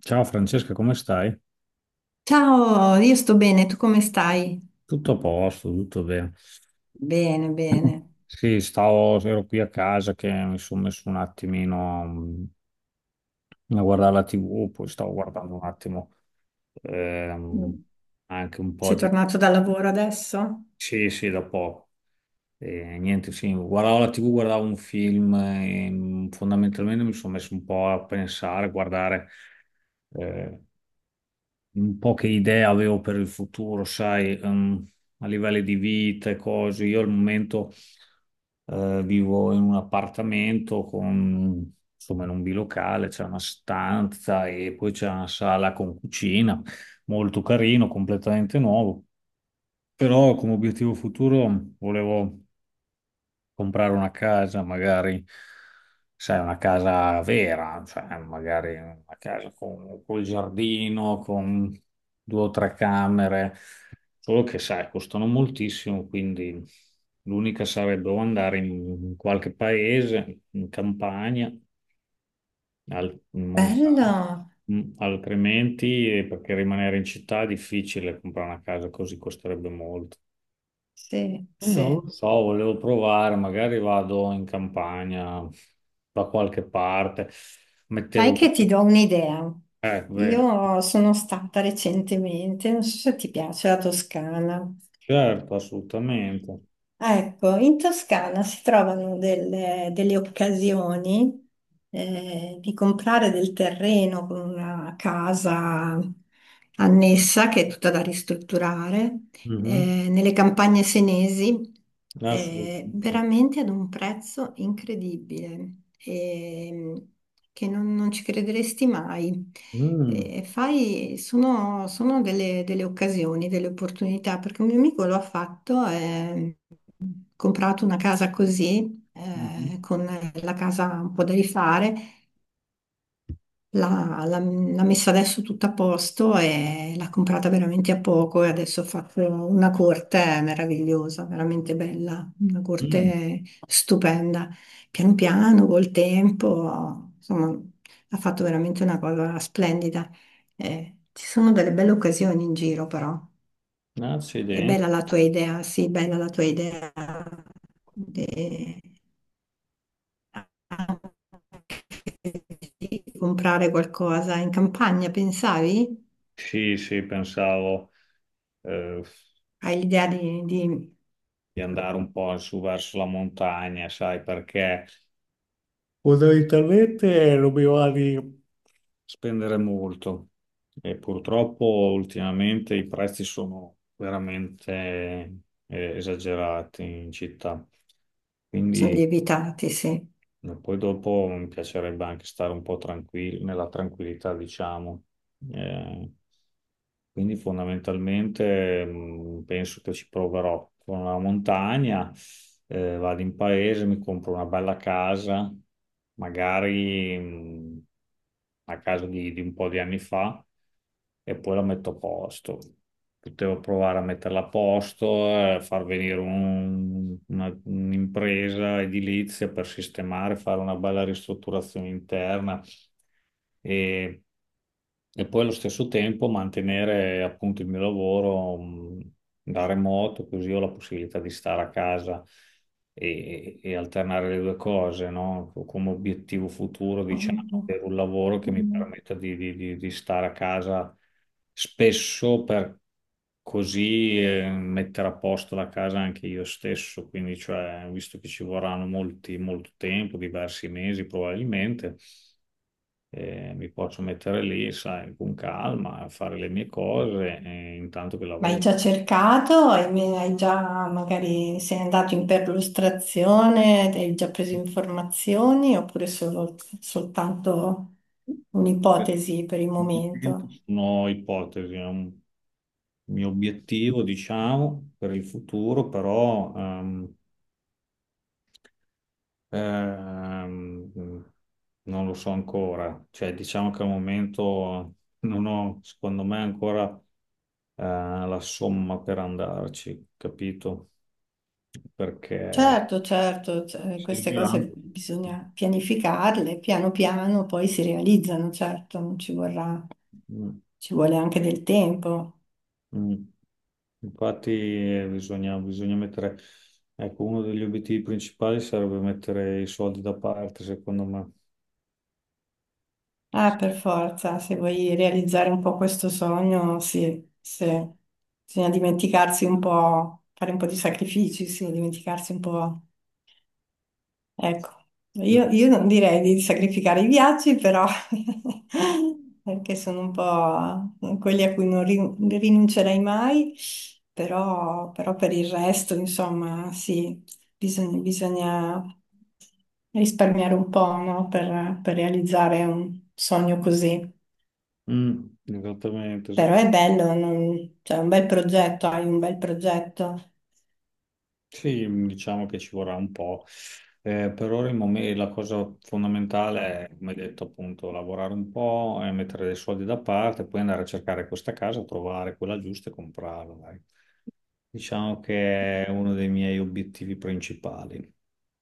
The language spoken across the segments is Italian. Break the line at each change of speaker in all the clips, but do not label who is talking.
Ciao Francesca, come stai?
Ciao, io sto bene, tu come stai?
Tutto a posto, tutto bene.
Bene, bene.
Sì, stavo, ero qui a casa che mi sono messo un attimino a guardare la TV, poi stavo guardando un attimo ehm,
Mm.
anche un po'
Sei
di...
tornato dal lavoro adesso?
Sì, sì, da poco. E niente, sì, guardavo la TV, guardavo un film e fondamentalmente mi sono messo un po' a pensare, a guardare eh, un po' che idea avevo per il futuro, sai, a livello di vita e cose. Io al momento vivo in un appartamento con, insomma, in un bilocale, c'è una stanza e poi c'è una sala con cucina, molto carino, completamente nuovo. Però come obiettivo futuro volevo comprare una casa, magari, sai, una casa vera, cioè magari una casa con, col giardino, con due o tre camere, solo che, sai, costano moltissimo, quindi l'unica sarebbe o andare in qualche paese, in campagna, al, in montagna.
Bello,
Mm, altrimenti, perché rimanere in città è difficile, comprare una casa così costerebbe molto.
sì,
Non
sì.
lo so, volevo provare, magari vado in campagna da qualche parte,
Sai
mettevo...
che ti do un'idea.
Bene,
Io sono stata recentemente, non so se ti piace la Toscana.
certo, assolutamente.
Ah, ecco, in Toscana si trovano delle, delle occasioni di comprare del terreno con una casa annessa che è tutta da ristrutturare
Mhm.
nelle campagne senesi,
Assolutamente.
veramente ad un prezzo incredibile, ehm, che non, non ci crederesti mai.
Mm.
Sono, sono delle, delle occasioni, delle opportunità, perché un mio amico lo ha fatto, ha comprato una casa così,
Mhm.
con la casa un po' da rifare. L'ha messa adesso tutta a posto e l'ha comprata veramente a poco e adesso ha fatto una corte meravigliosa, veramente bella, una
Mm,
corte stupenda. Piano piano, col tempo, insomma, ha fatto veramente una cosa splendida. Ci sono delle belle occasioni in giro, però. È
accidenti.
bella la tua idea, sì, bella la tua idea. De- di comprare qualcosa in campagna, pensavi?
Sì, sì, pensavo, eh,
Hai l'idea di...
di andare un po' su verso la montagna, sai, perché fondamentalmente dobbiamo di spendere molto e purtroppo ultimamente i prezzi sono veramente esagerati in città. Mm.
Sono
Quindi
lievitati, sì.
ma poi dopo mi piacerebbe anche stare un po' tranquillo, nella tranquillità, diciamo. Eh, quindi fondamentalmente penso che ci proverò con la montagna, vado in paese, mi compro una bella casa, magari una casa di un po' di anni fa, e poi la metto a posto. Potevo provare a metterla a posto, far venire un'impresa edilizia per sistemare, fare una bella ristrutturazione interna e, e poi allo stesso tempo mantenere appunto il mio lavoro da remoto, così ho la possibilità di stare a casa e alternare le due cose, no? Come obiettivo futuro, diciamo, per un lavoro che mi permetta di, di stare a casa spesso per così mettere a posto la casa anche io stesso, quindi cioè, visto che ci vorranno molti, molto tempo, diversi mesi probabilmente, mi posso mettere lì, sai, con calma, a fare le mie cose intanto che
Ma hai
lavoro.
già cercato? Hai, hai già magari sei andato in perlustrazione, hai già preso informazioni oppure soltanto un'ipotesi per il momento?
Sono ipotesi, è un mio obiettivo, diciamo, per il futuro, però Ehm, non lo so ancora, cioè diciamo che al momento non ho, secondo me, ancora eh, la somma per andarci, capito? Perché
Certo, certo, cioè, queste
serviranno.
cose bisogna pianificarle, piano piano poi si realizzano, certo, non ci vorrà,
Mm,
ci vuole anche del tempo.
mm. Infatti bisogna mettere, ecco, uno degli obiettivi principali sarebbe mettere i soldi da parte, secondo me.
Ah, per forza, se vuoi realizzare un po' questo sogno, sì, sì. Bisogna dimenticarsi un po', fare un po' di sacrifici, sì, dimenticarsi un po'. Ecco,
Mm,
io non direi di sacrificare i viaggi, però perché sono un po' quelli a cui non rinuncerei mai, però, però per il resto, insomma, sì, bisogna, bisogna risparmiare un po', no? Per realizzare un sogno così.
mm, esattamente,
Però
esattamente.
è bello, non- cioè, è un bel progetto, hai un bel progetto,
Sì, diciamo che ci vorrà un po'. Per ora il mome- la cosa fondamentale è, come hai detto, appunto, lavorare un po', mettere dei soldi da parte, poi andare a cercare questa casa, trovare quella giusta e comprarla, dai. Diciamo che è uno dei miei obiettivi principali.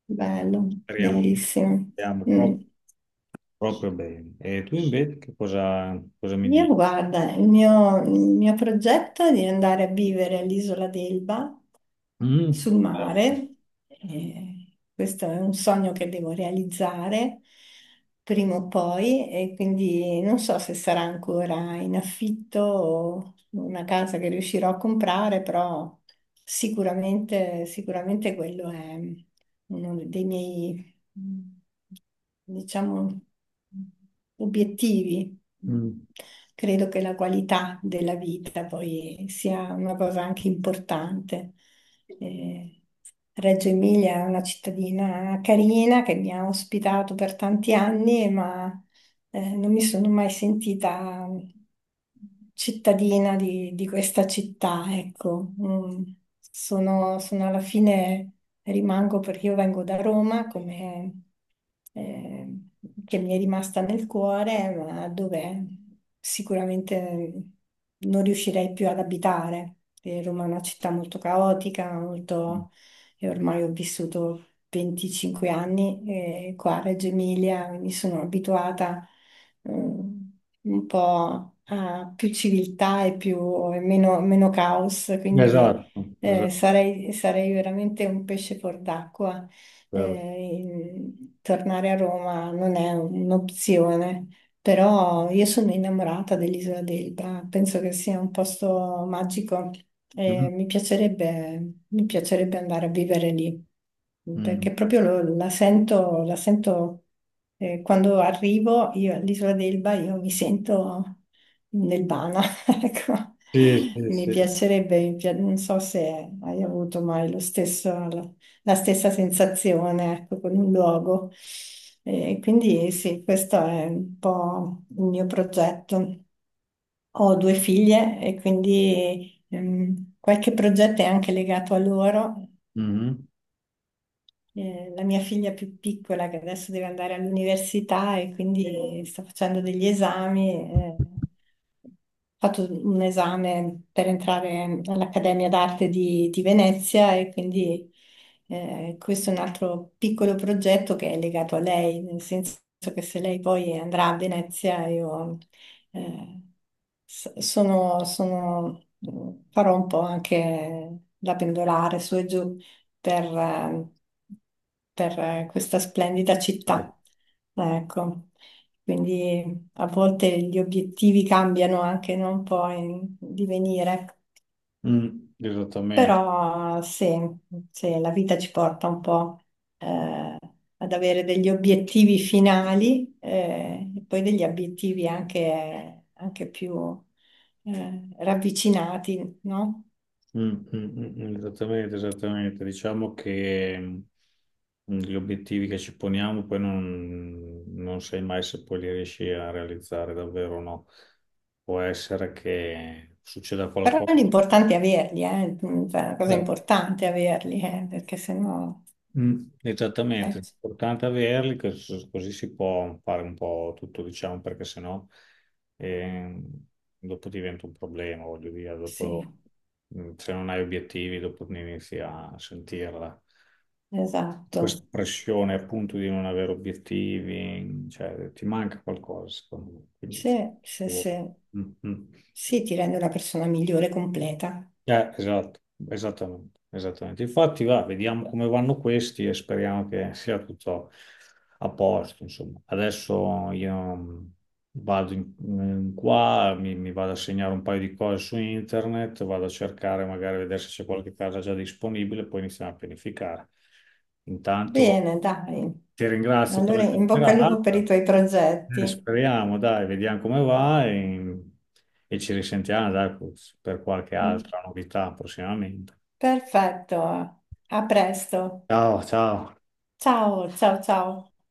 bello,
Speriamo,
bellissimo.
speriamo
Mm.
proprio bene. E tu invece che cosa, cosa mi
Io
dici?
guarda, il mio progetto è di andare a vivere all'isola d'Elba
Mm.
sul
Eh,
mare. Questo è un sogno che devo realizzare prima o poi e quindi non so se sarà ancora in affitto o una casa che riuscirò a comprare, però sicuramente, sicuramente quello è uno dei miei, diciamo, obiettivi.
mm.
Credo che la qualità della vita poi sia una cosa anche importante. Eh, Reggio Emilia è una cittadina carina che mi ha ospitato per tanti anni, ma non mi sono mai sentita cittadina di questa città, ecco. Mm. Sono, sono alla fine rimango perché io vengo da Roma, come, eh, che mi è rimasta nel cuore, ma dove sicuramente non riuscirei più ad abitare. Roma è una città molto caotica, molto... e ormai ho vissuto 25 anni qua a Reggio Emilia, quindi sono abituata mm, un po' a più civiltà e più, e meno, meno caos, quindi
Esatto, esatto.
sarei, sarei veramente un pesce fuor d'acqua.
Vero.
Eh, tornare a Roma non è un'opzione, però io sono innamorata dell'isola d'Elba, penso che sia un posto magico
Mm.
e mi piacerebbe andare a vivere lì,
Mm.
perché proprio la sento, quando arrivo io all'isola d'Elba, io mi sento nel ecco,
Sì, sì,
mi
sì.
piacerebbe, non so se hai avuto mai la stessa sensazione, ecco, con un luogo. E quindi sì, questo è un po' il mio progetto. Ho due figlie e quindi qualche progetto è anche legato a loro,
Mhm.
la mia figlia più piccola che adesso deve andare all'università e quindi sta facendo degli esami. Ho fatto un esame per entrare all'Accademia d'Arte di Venezia e quindi questo è un altro piccolo progetto che è legato a lei, nel senso che se lei poi andrà a Venezia io eh, sono, farò un po' anche da pendolare su e giù per, eh, per, questa splendida città. Ecco, quindi a volte gli obiettivi cambiano anche, no? Un po' in divenire,
Mm, esattamente.
però se, se la vita ci porta un po' eh, ad avere degli obiettivi finali, e poi degli obiettivi anche, anche più ravvicinati, no?
Mm, mm, mm, mm, esattamente, esattamente. Diciamo che mm, gli obiettivi che ci poniamo poi non, non sai mai se poi li riesci a realizzare davvero o no. Può essere che succeda
Però
qualcosa.
l'importante è averli, eh. Mm, cioè, la cosa importante è averli, perché sennò...
Mm, esattamente,
Eh,
è importante averli, cos- così si può fare un po' tutto, diciamo, perché sennò ehm, dopo diventa un problema, voglio dire,
sì,
dopo mm, se non hai obiettivi, dopo ne inizi a sentirla.
esatto.
Questa pressione appunto di non avere obiettivi, cioè ti manca qualcosa, secondo me. Quindi,
Sì, sì, sì.
mm, mm.
Sì, ti rende una persona migliore, completa.
Esatto, esattamente, esattamente. Infatti, va, vediamo come vanno questi e speriamo che sia tutto a posto, insomma. Adesso io vado in, in qua, mi vado a segnare un paio di cose su internet, vado a cercare, magari a vedere se c'è qualche casa già disponibile, poi iniziamo a pianificare. Intanto
Bene, dai.
ti ringrazio per
Allora,
la
in bocca al lupo per i
chiacchierata.
tuoi progetti.
Speriamo, dai, vediamo come va e ci risentiamo, dai, per qualche
Mm,
altra novità prossimamente.
perfetto. A presto.
Ciao, ciao.
Ciao, ciao, ciao.